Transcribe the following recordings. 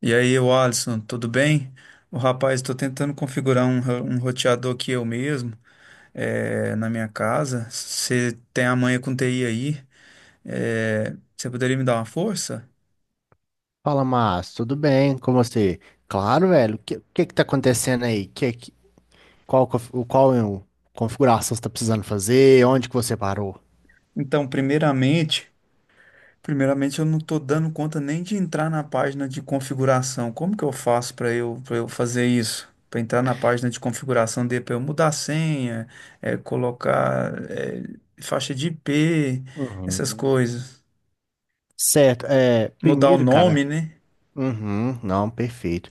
E aí, o Alisson, tudo bem? O rapaz, estou tentando configurar um roteador aqui eu mesmo, na minha casa. Você tem a manha com TI aí, você poderia me dar uma força? Fala, Márcio, tudo bem? Como você? Claro, velho. O que que tá acontecendo aí? Qual é o- configuração você tá precisando fazer? Onde que você parou? Então, primeiramente eu não estou dando conta nem de entrar na página de configuração. Como que eu faço para eu fazer isso? Para entrar na página de configuração, de para eu mudar a senha, colocar, faixa de IP, essas Uhum. coisas. Certo. Mudar o Primeiro, cara, nome, né? uhum, não, perfeito.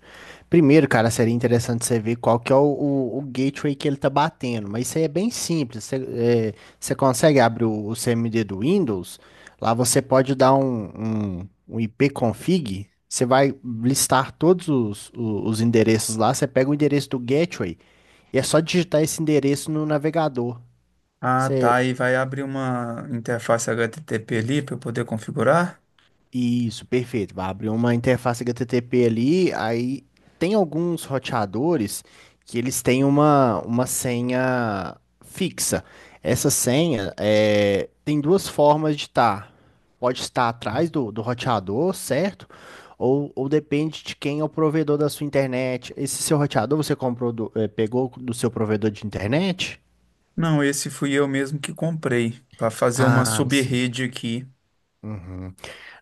Primeiro, cara, seria interessante você ver qual que é o gateway que ele tá batendo, mas isso aí é bem simples. Você, você consegue abrir o CMD do Windows, lá você pode dar um ipconfig, você vai listar todos os endereços lá, você pega o endereço do gateway e é só digitar esse endereço no navegador. Ah, tá. E vai abrir uma interface HTTP ali para eu poder configurar? Isso, perfeito. Vai abrir uma interface HTTP ali, aí tem alguns roteadores que eles têm uma senha fixa. Essa senha tem duas formas de estar. Pode estar atrás do roteador, certo? Ou depende de quem é o provedor da sua internet. Esse seu roteador você comprou pegou do seu provedor de internet? Não, esse fui eu mesmo que comprei para fazer uma Ah, sim. sub-rede aqui.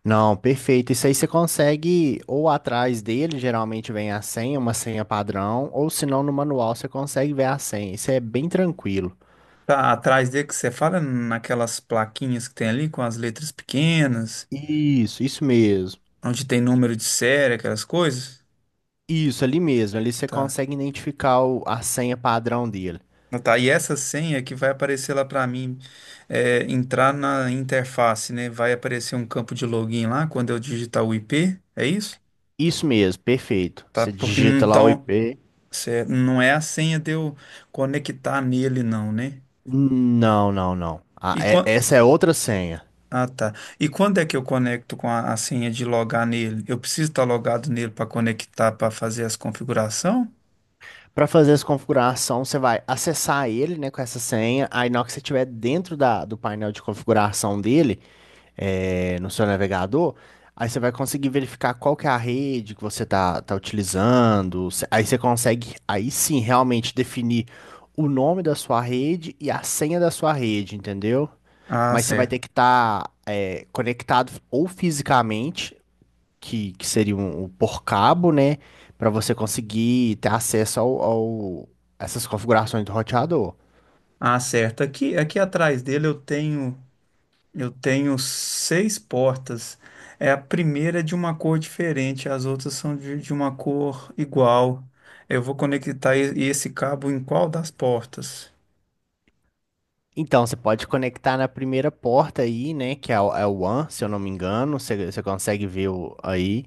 Não, perfeito. Isso aí você consegue, ou atrás dele, geralmente vem a senha, uma senha padrão, ou se não, no manual você consegue ver a senha. Isso é bem tranquilo. Tá atrás dele que você fala naquelas plaquinhas que tem ali com as letras pequenas, Isso mesmo. onde tem número de série, aquelas coisas. Isso, ali mesmo. Ali você Tá. consegue identificar a senha padrão dele. Ah, tá, e essa senha que vai aparecer lá para mim é, entrar na interface, né? Vai aparecer um campo de login lá quando eu digitar o IP, é isso? Isso mesmo, perfeito. Tá, Você porque digita lá o então. IP. Certo. Não é a senha de eu conectar nele, não, né? Não, não, não. Ah, E quan- essa é outra senha. Ah, tá. E quando é que eu conecto com a senha de logar nele? Eu preciso estar logado nele para conectar, para fazer as configurações? Para fazer essa configuração, você vai acessar ele, né, com essa senha. Aí, na hora que você estiver dentro do painel de configuração dele, no seu navegador, aí você vai conseguir verificar qual que é a rede que você tá utilizando. Aí você consegue, aí sim, realmente definir o nome da sua rede e a senha da sua rede, entendeu? Ah, Mas você vai ter certo. que estar conectado ou fisicamente, que seria um por cabo, né? Para você conseguir ter acesso ao essas configurações do roteador. Ah, certo. Aqui atrás dele eu tenho seis portas. É a primeira é de uma cor diferente, as outras são de uma cor igual. Eu vou conectar esse cabo em qual das portas? Então, você pode conectar na primeira porta aí, né? Que é é o One, se eu não me engano. Você consegue ver o, aí.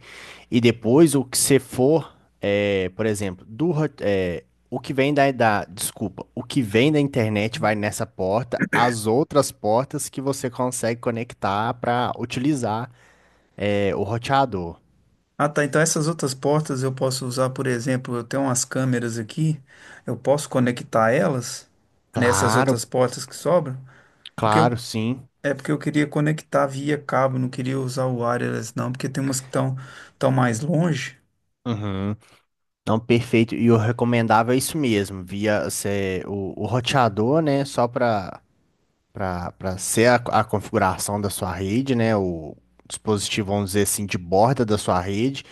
E depois, o que você for, por exemplo, o que vem da. Desculpa. O que vem da internet vai nessa porta. As outras portas que você consegue conectar para utilizar o roteador. Ah, tá. Então essas outras portas eu posso usar, por exemplo, eu tenho umas câmeras aqui, eu posso conectar elas nessas Claro, outras portas que sobram, porque eu, claro, sim. é porque eu queria conectar via cabo, não queria usar o wireless não, porque tem umas que estão tão mais longe, Uhum. Não, perfeito. E o recomendável é isso mesmo, via cê, o roteador, né? Só para para ser a configuração da sua rede, né? O dispositivo, vamos dizer assim, de borda da sua rede.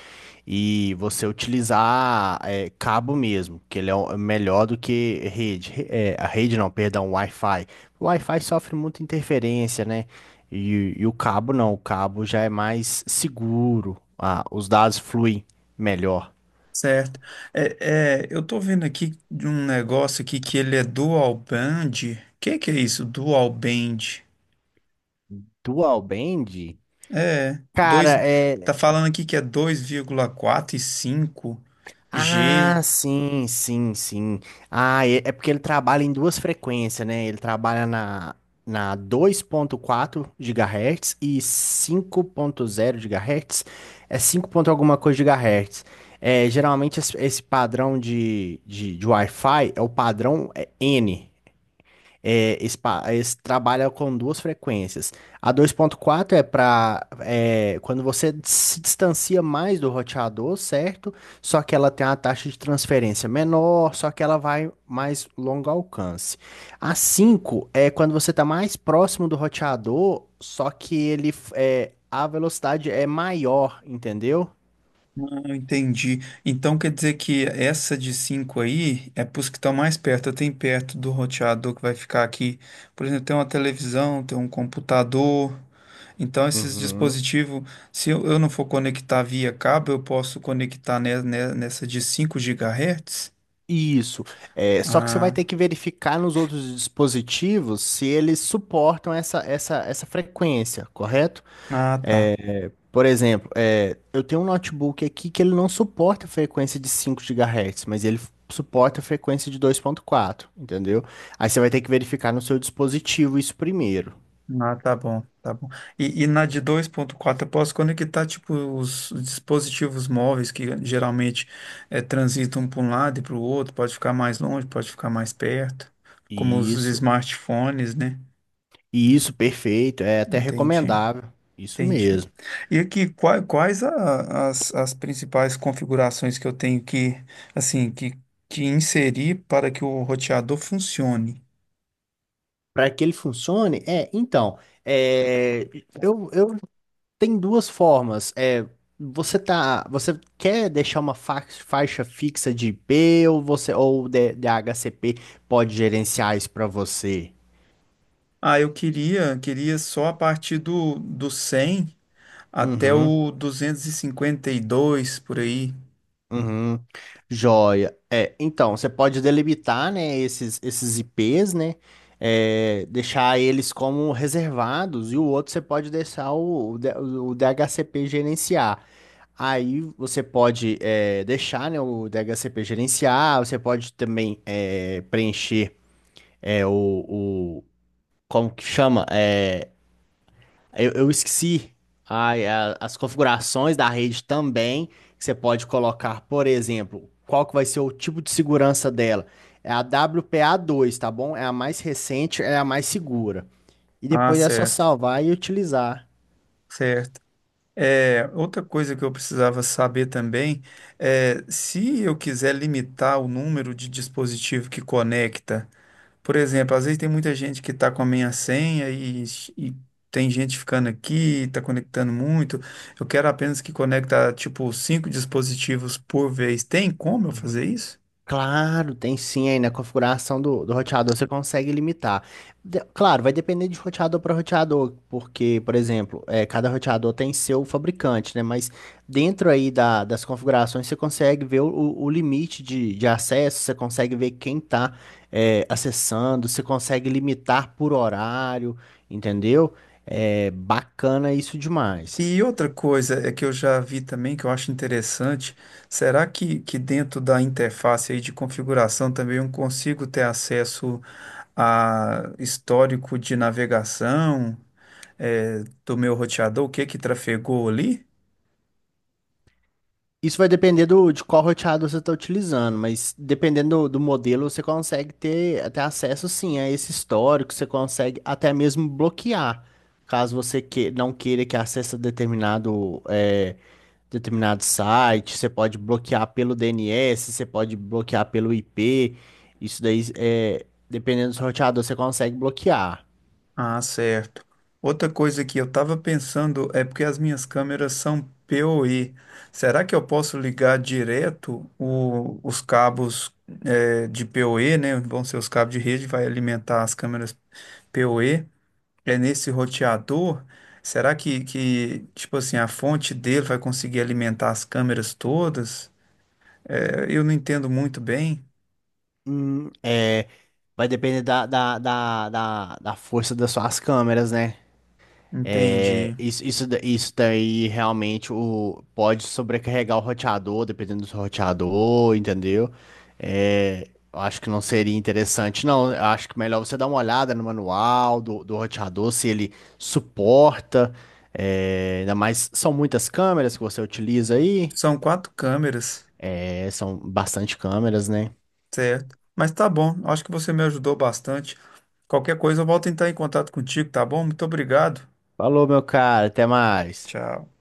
E você utilizar cabo mesmo, que ele é é melhor do que rede. A rede não, perdão, Wi-Fi. O Wi-Fi sofre muita interferência, né? E o cabo não, o cabo já é mais seguro. Ah, os dados fluem melhor. certo? Eu tô vendo aqui de um negócio aqui que ele é dual band. Que é isso? Dual band? Dual band, É, dois, cara, é. tá falando aqui que é 2,4 e cinco Ah, g. sim, sim, sim. Ah, é porque ele trabalha em duas frequências, né? Ele trabalha na dois ponto quatro GHz e cinco ponto zero GHz. É 5 ponto alguma coisa GHz. É, geralmente esse padrão de Wi-Fi é o padrão N. Esse, esse trabalha com duas frequências. A dois ponto quatro é para quando você se distancia mais do roteador, certo? Só que ela tem uma taxa de transferência menor, só que ela vai mais longo alcance. A 5 é quando você está mais próximo do roteador, só que ele a velocidade é maior, entendeu? Ah, entendi. Então quer dizer que essa de 5 aí é para os que estão mais perto, tem perto do roteador que vai ficar aqui. Por exemplo, tem uma televisão, tem um computador. Então esses Uhum. dispositivos, se eu não for conectar via cabo, eu posso conectar nessa de 5 gigahertz? Isso. É, só que você vai Ah, ter que verificar nos outros dispositivos se eles suportam essa frequência, correto? ah, tá. Por exemplo, eu tenho um notebook aqui que ele não suporta a frequência de 5 gigahertz mas ele suporta a frequência de dois ponto quatro entendeu? Aí você vai ter que verificar no seu dispositivo isso primeiro. Ah, tá bom, tá bom. E na de 2,4 eu posso conectar tipo os dispositivos móveis que geralmente transitam para um lado e para o outro, pode ficar mais longe, pode ficar mais perto, como os Isso. smartphones, né? Isso, perfeito. É até Entendi, recomendável. Isso entendi. mesmo. E aqui, quais as principais configurações que eu tenho que, assim, que inserir para que o roteador funcione? Para que ele funcione, é, então, é, eu tem duas formas. É, você quer deixar uma faixa fixa de I P ou você ou o de HCP pode gerenciar isso para você? Ah, eu queria só a partir do 100 até Uhum. o 252 por aí. Uhum. Joia. É, então, você pode delimitar, né, esses IPs, né? Deixar eles como reservados e o outro você pode deixar o DHCP gerenciar. Aí você pode deixar, né, o DHCP gerenciar, você pode também preencher é, o, o- como que chama? Eu esqueci as configurações da rede também, que você pode colocar, por exemplo, qual que vai ser o tipo de segurança dela. É a WPA2, tá bom? É a mais recente, é a mais segura. E Ah, depois é só certo, salvar e utilizar. certo. É, outra coisa que eu precisava saber também é se eu quiser limitar o número de dispositivo que conecta. Por exemplo, às vezes tem muita gente que está com a minha senha e tem gente ficando aqui, está conectando muito. Eu quero apenas que conecta tipo cinco dispositivos por vez. Tem como eu fazer isso? Claro, tem sim aí na configuração do roteador você consegue limitar. Claro, vai depender de roteador para roteador, porque, por exemplo, cada roteador tem seu fabricante, né? Mas dentro aí das configurações você consegue ver o limite de acesso, você consegue ver quem está acessando, você consegue limitar por horário, entendeu? É bacana isso demais. E outra coisa é que eu já vi também que eu acho interessante, será que dentro da interface aí de configuração também eu consigo ter acesso a histórico de navegação, do meu roteador, o que que trafegou ali? Isso vai depender de qual roteador você está utilizando, mas dependendo do modelo, você consegue ter até acesso sim a esse histórico, você consegue até mesmo bloquear, caso você não queira que acesse determinado, determinado site, você pode bloquear pelo DNS, você pode bloquear pelo IP, isso daí, dependendo do roteador, você consegue bloquear. Ah, certo. Outra coisa que eu estava pensando é porque as minhas câmeras são PoE. Será que eu posso ligar direto os cabos de PoE, né? Vão ser os cabos de rede, vai alimentar as câmeras PoE é nesse roteador. Será que, tipo assim, a fonte dele vai conseguir alimentar as câmeras todas? É, eu não entendo muito bem. É, vai depender da força das suas câmeras, né? Entendi. Isso daí realmente pode sobrecarregar o roteador, dependendo do roteador, entendeu? É, eu acho que não seria interessante, não. Eu acho que melhor você dar uma olhada no manual do roteador, se ele suporta. É, ainda mais, são muitas câmeras que você utiliza aí. São quatro câmeras, É, são bastante câmeras, né? certo? Mas tá bom, acho que você me ajudou bastante. Qualquer coisa, eu volto a entrar em contato contigo, tá bom? Muito obrigado. Falou, meu cara, até mais. Tchau.